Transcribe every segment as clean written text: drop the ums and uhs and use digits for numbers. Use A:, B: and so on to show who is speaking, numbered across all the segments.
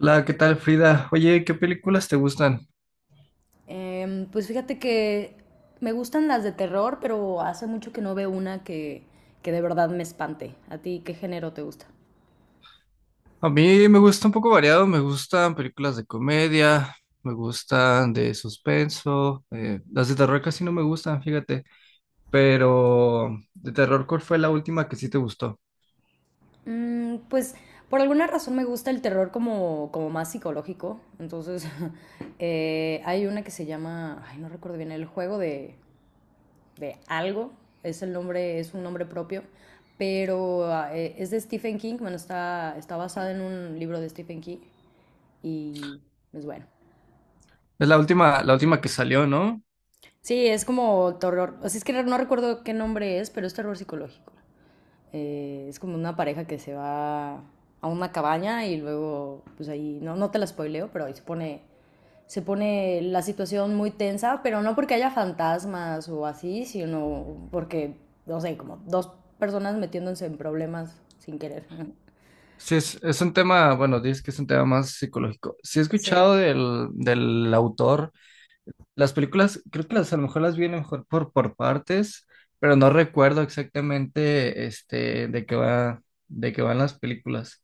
A: Hola, ¿qué tal, Frida? Oye, ¿qué películas te gustan?
B: Pues fíjate que me gustan las de terror, pero hace mucho que no veo una que de verdad me espante. ¿A ti qué género te gusta?
A: A mí me gusta un poco variado, me gustan películas de comedia, me gustan de suspenso, las de terror casi no me gustan, fíjate, pero de terror, ¿cuál fue la última que sí te gustó?
B: Mm, pues por alguna razón me gusta el terror como más psicológico. Entonces, hay una que se llama, ay, no recuerdo bien, El juego de algo. Es el nombre, es un nombre propio. Pero es de Stephen King. Bueno, está basada en un libro de Stephen King. Y es bueno.
A: Es la última que salió, ¿no?
B: Sí, es como terror. O sea, es que no recuerdo qué nombre es, pero es terror psicológico. Es como una pareja que se va a una cabaña y luego, pues ahí, no te la spoileo, pero ahí se pone la situación muy tensa, pero no porque haya fantasmas o así, sino porque, no sé, como dos personas metiéndose en problemas sin querer.
A: Sí, es un tema, bueno, dices que es un tema más psicológico. Sí he
B: Sí.
A: escuchado del autor. Las películas, creo que las a lo mejor las vi a lo mejor por partes, pero no recuerdo exactamente este de qué va, de qué van las películas.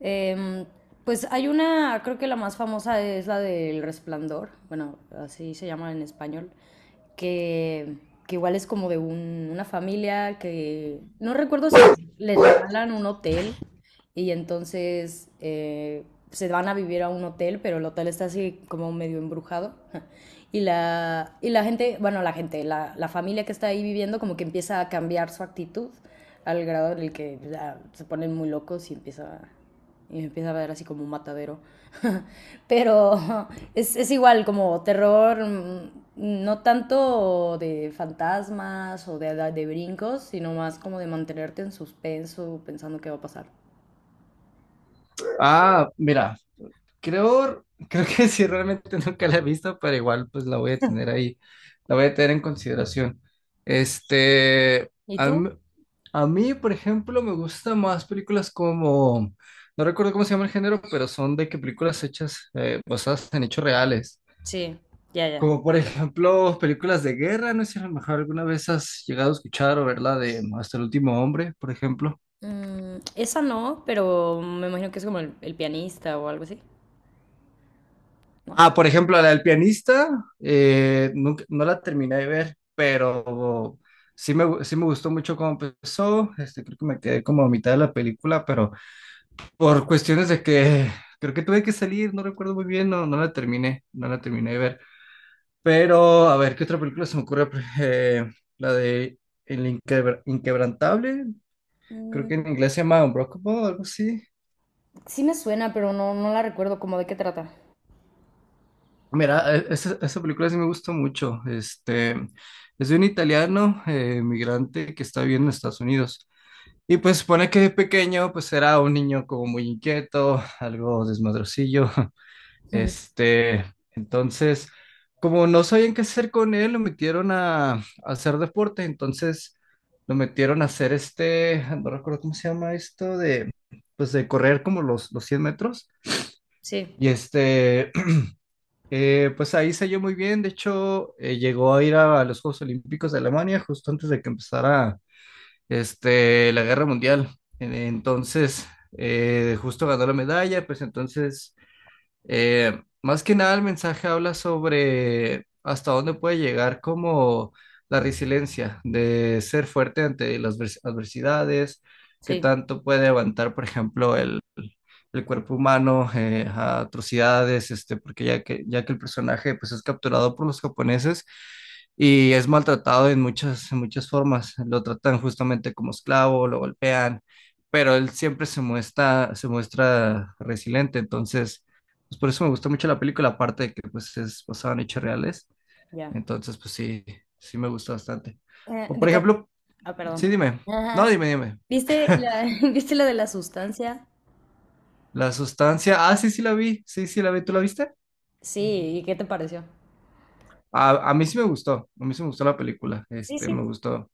B: Em, pues hay una, creo que la más famosa es la del Resplandor, bueno, así se llama en español, que, que igual es como de una familia que no recuerdo si les regalan un hotel y entonces se van a vivir a un hotel, pero el hotel está así como medio embrujado. Y la gente, bueno, la gente, la familia que está ahí viviendo como que empieza a cambiar su actitud al grado en el que ya, se ponen muy locos y empieza y me empieza a ver así como un matadero. Pero igual como terror, no tanto de fantasmas o de brincos, sino más como de mantenerte en suspenso pensando qué va a pasar.
A: Ah, mira, creo, creo que sí realmente nunca la he visto, pero igual pues la voy a tener ahí, la voy a tener en consideración. Este,
B: ¿Y
A: a
B: tú?
A: mí, a mí, por ejemplo, me gustan más películas como, no recuerdo cómo se llama el género, pero son de que películas hechas basadas en hechos reales.
B: Sí, ya, ya.
A: Como por ejemplo, películas de guerra, no sé si a lo mejor alguna vez has llegado a escuchar o verla de Hasta el último hombre, por ejemplo.
B: Mm, esa no, pero me imagino que es como el pianista o algo así, ¿no?
A: Ah, por ejemplo, la del pianista, no la terminé de ver, pero sí me gustó mucho cómo empezó. Este, creo que me quedé como a mitad de la película, pero por cuestiones de que creo que tuve que salir, no recuerdo muy bien, no la terminé, no la terminé de ver. Pero, a ver, ¿qué otra película se me ocurre? Eh, la de El Inquebrantable, creo que en
B: Mm,
A: inglés se llama Unbreakable o algo así.
B: sí me suena, pero no, no la recuerdo como de qué trata.
A: Mira, esa película sí me gustó mucho. Este, es de un italiano migrante que está viviendo en Estados Unidos. Y pues supone que de pequeño pues era un niño como muy inquieto, algo desmadrocillo.
B: Ujú.
A: Este, entonces, como no sabían qué hacer con él, lo metieron a hacer deporte. Entonces, lo metieron a hacer este, no recuerdo cómo se llama esto, de, pues de correr como los 100 metros.
B: Sí,
A: Y este, pues ahí selló muy bien, de hecho llegó a ir a los Juegos Olímpicos de Alemania justo antes de que empezara este, la Guerra Mundial. Entonces, justo ganó la medalla, pues entonces más que nada, el mensaje habla sobre hasta dónde puede llegar como la resiliencia de ser fuerte ante las adversidades, qué
B: sí,
A: tanto puede aguantar, por ejemplo, el cuerpo humano a atrocidades, este, porque ya que el personaje pues, es capturado por los japoneses y es maltratado en muchas formas, lo tratan justamente como esclavo, lo golpean, pero él siempre se muestra resiliente, entonces. Pues por eso me gustó mucho la película, aparte de que pues es basada en hechos reales.
B: ya.
A: Entonces, pues sí, sí me gustó bastante.
B: Eh,
A: O por
B: de ca-
A: ejemplo,
B: Ah,
A: sí,
B: perdón.
A: dime. No, dime, dime.
B: ¿Viste la, ¿viste la de la sustancia?
A: La sustancia. Ah, sí, sí la vi. Sí, sí la vi. ¿Tú la viste?
B: Sí, ¿y qué te pareció?
A: A mí sí me gustó, a mí sí me gustó, la película,
B: Sí,
A: este, me
B: sí.
A: gustó.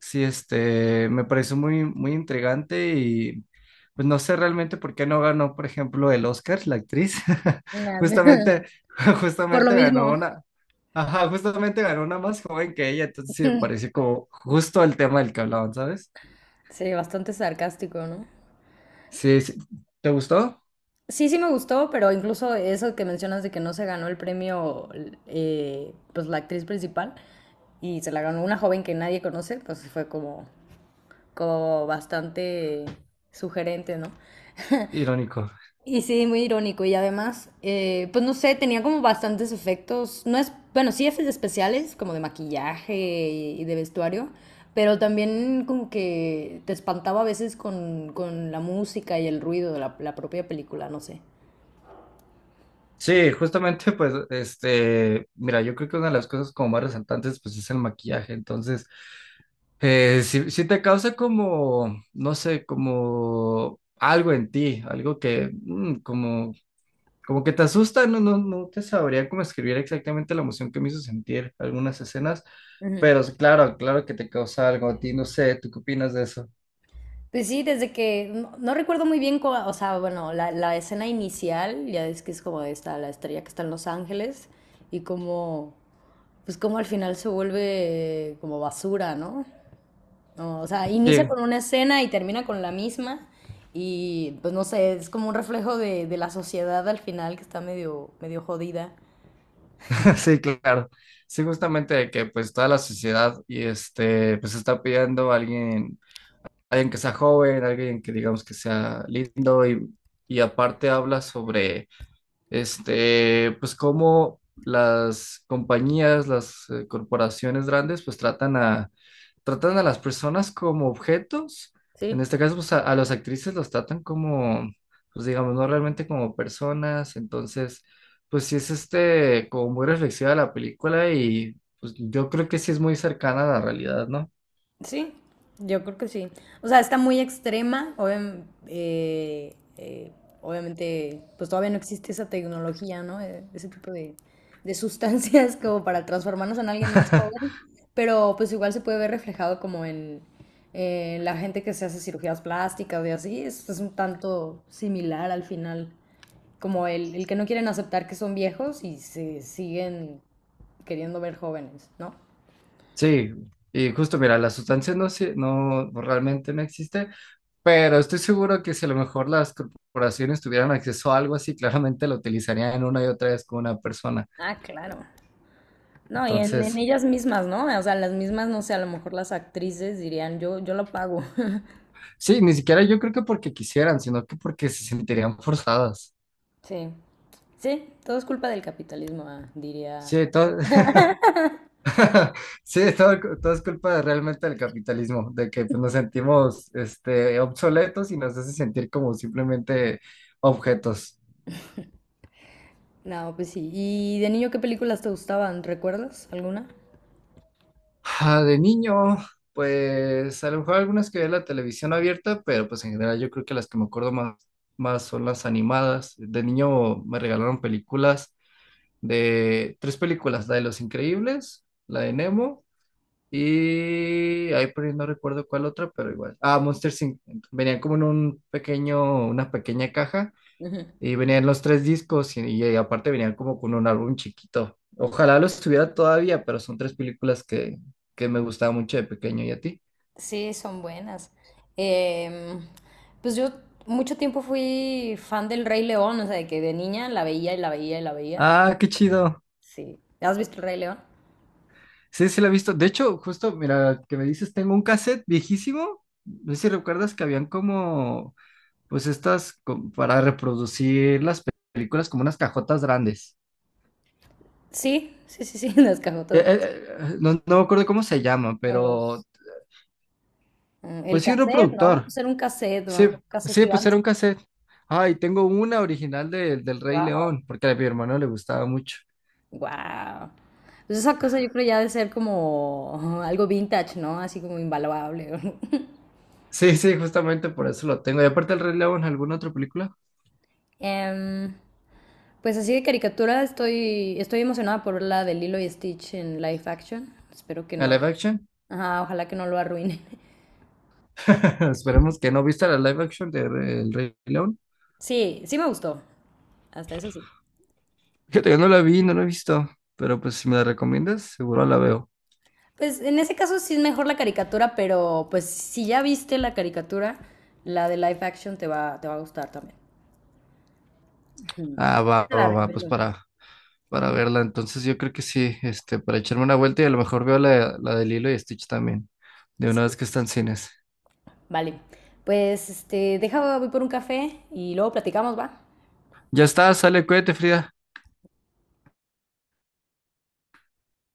A: Sí, este, me pareció muy, muy intrigante y pues no sé realmente por qué no ganó, por ejemplo, el Oscar, la actriz.
B: Nah, me-
A: Justamente,
B: Por lo
A: justamente ganó
B: mismo.
A: una, ajá, justamente ganó una más joven que ella, entonces sí me pareció como justo el tema del que hablaban, ¿sabes?
B: Sí, bastante sarcástico, ¿no?
A: Sí, sí. ¿Te gustó?
B: Sí, sí me gustó, pero incluso eso que mencionas de que no se ganó el premio, pues la actriz principal, y se la ganó una joven que nadie conoce, pues fue como, como bastante sugerente, ¿no?
A: Irónico.
B: Y sí, muy irónico. Y además, pues no sé, tenía como bastantes efectos. No es, bueno, sí efectos especiales, como de maquillaje y de vestuario, pero también como que te espantaba a veces con la música y el ruido de la propia película, no sé.
A: Sí, justamente, pues, este, mira, yo creo que una de las cosas como más resaltantes, pues, es el maquillaje. Entonces, si, te causa como, no sé, como algo en ti, algo que, como que te asusta, no te sabría cómo escribir exactamente la emoción que me hizo sentir algunas escenas,
B: Ujú.
A: pero sí, claro, claro que te causa algo a ti, no sé, ¿tú qué opinas de eso?
B: Pues sí, desde que no recuerdo muy bien, o sea, bueno, la escena inicial, ya es que es como esta, la estrella que está en Los Ángeles y como, pues como al final se vuelve como basura, ¿no? No, o sea, inicia
A: Sí,
B: con una escena y termina con la misma. Y pues no sé, es como un reflejo de la sociedad al final que está medio, medio jodida.
A: sí, claro. Sí, justamente de que pues toda la sociedad y este, pues está pidiendo a alguien que sea joven, alguien que digamos que sea lindo y aparte habla sobre este, pues cómo las compañías, las corporaciones grandes, pues tratan a las personas como objetos. En
B: Sí,
A: este caso, pues a las actrices los tratan como, pues digamos, no realmente como personas. Entonces, pues sí es este, como muy reflexiva la película y pues yo creo que sí es muy cercana a la realidad, ¿no?
B: sí, yo creo que sí. O sea, está muy extrema. Obviamente, pues todavía no existe esa tecnología, ¿no? Ese tipo de sustancias como para transformarnos en alguien más joven. Pero pues igual se puede ver reflejado como en la gente que se hace cirugías plásticas y así. Es un tanto similar al final. Como el que no quieren aceptar que son viejos y se siguen queriendo ver jóvenes, ¿no?
A: Sí, y justo mira, la sustancia no, no realmente no existe. Pero estoy seguro que si a lo mejor las corporaciones tuvieran acceso a algo así, claramente lo utilizarían una y otra vez con una persona.
B: Ah, claro. No, y en
A: Entonces,
B: ellas mismas, ¿no? O sea, las mismas, no sé, a lo mejor las actrices dirían, yo lo pago.
A: sí, ni siquiera yo creo que porque quisieran, sino que porque se sentirían forzadas.
B: Sí. Sí, todo es culpa del capitalismo, diría.
A: Sí, todo, sí, todo es culpa realmente del capitalismo, de que pues, nos sentimos este, obsoletos y nos hace sentir como simplemente objetos.
B: No, pues sí. ¿Y de niño qué películas te gustaban? ¿Recuerdas alguna?
A: Ah, de niño, pues a lo mejor algunas que veía en la televisión abierta, pero pues en general yo creo que las que me acuerdo más son las animadas. De niño me regalaron películas de tres películas, la de Los Increíbles, la de Nemo y ahí por ahí no recuerdo cuál otra, pero igual. Ah, Monsters Inc. Venían como en un pequeño, una pequeña caja
B: Ujú.
A: y venían los tres discos y aparte venían como con un álbum chiquito. Ojalá lo estuviera todavía, pero son tres películas que me gustaban mucho de pequeño. ¿Y a ti?
B: Sí, son buenas. Em, pues yo mucho tiempo fui fan del Rey León, o sea, de que de niña la veía y la veía y la veía.
A: Ah, qué chido.
B: Sí. ¿Has visto el Rey León?
A: Sí, sí lo he visto. De hecho, justo, mira, que me dices, tengo un cassette viejísimo. No sé si recuerdas que habían como, pues estas, para reproducir las películas como unas cajotas grandes.
B: Sí, sí, sí, sí, las cajotas
A: Eh,
B: de
A: eh, no me acuerdo cómo se llama, pero
B: las- Mm, el
A: pues sí, un
B: cassette, ¿no?
A: reproductor.
B: Hacer un cassette, ¿no?
A: Sí,
B: Un cassette
A: sí, pues era
B: gigante.
A: un cassette. Ay, tengo una original del Rey
B: Wow.
A: León, porque a mi hermano le gustaba mucho.
B: Wow. Pues esa cosa yo creo ya de ser como algo vintage, ¿no? Así como invaluable.
A: Sí, sí, justamente por eso lo tengo. Y aparte el Rey León, ¿alguna otra película?
B: Em, pues así de caricatura estoy emocionada por la de Lilo y Stitch en live action. Espero que
A: ¿A
B: no.
A: live action?
B: Ajá, ojalá que no lo arruinen.
A: Esperemos que no. ¿Viste la live action de El Rey León?
B: Sí, sí me gustó. Hasta eso sí.
A: Fíjate, yo no la vi, no la he visto, pero pues si me la recomiendas, seguro la veo.
B: Pues en ese caso sí es mejor la caricatura, pero pues si ya viste la caricatura, la de live action te va a gustar también.
A: Ah,
B: Sí,
A: va,
B: te la
A: va, va, pues
B: recomiendo.
A: para verla. Entonces yo creo que sí, este, para echarme una vuelta y a lo mejor veo la de Lilo y Stitch también, de una vez
B: Sí.
A: que están en cines.
B: Vale, pues este, deja, voy por un café y luego platicamos, ¿va?
A: Ya está, sale, cuídate, Frida.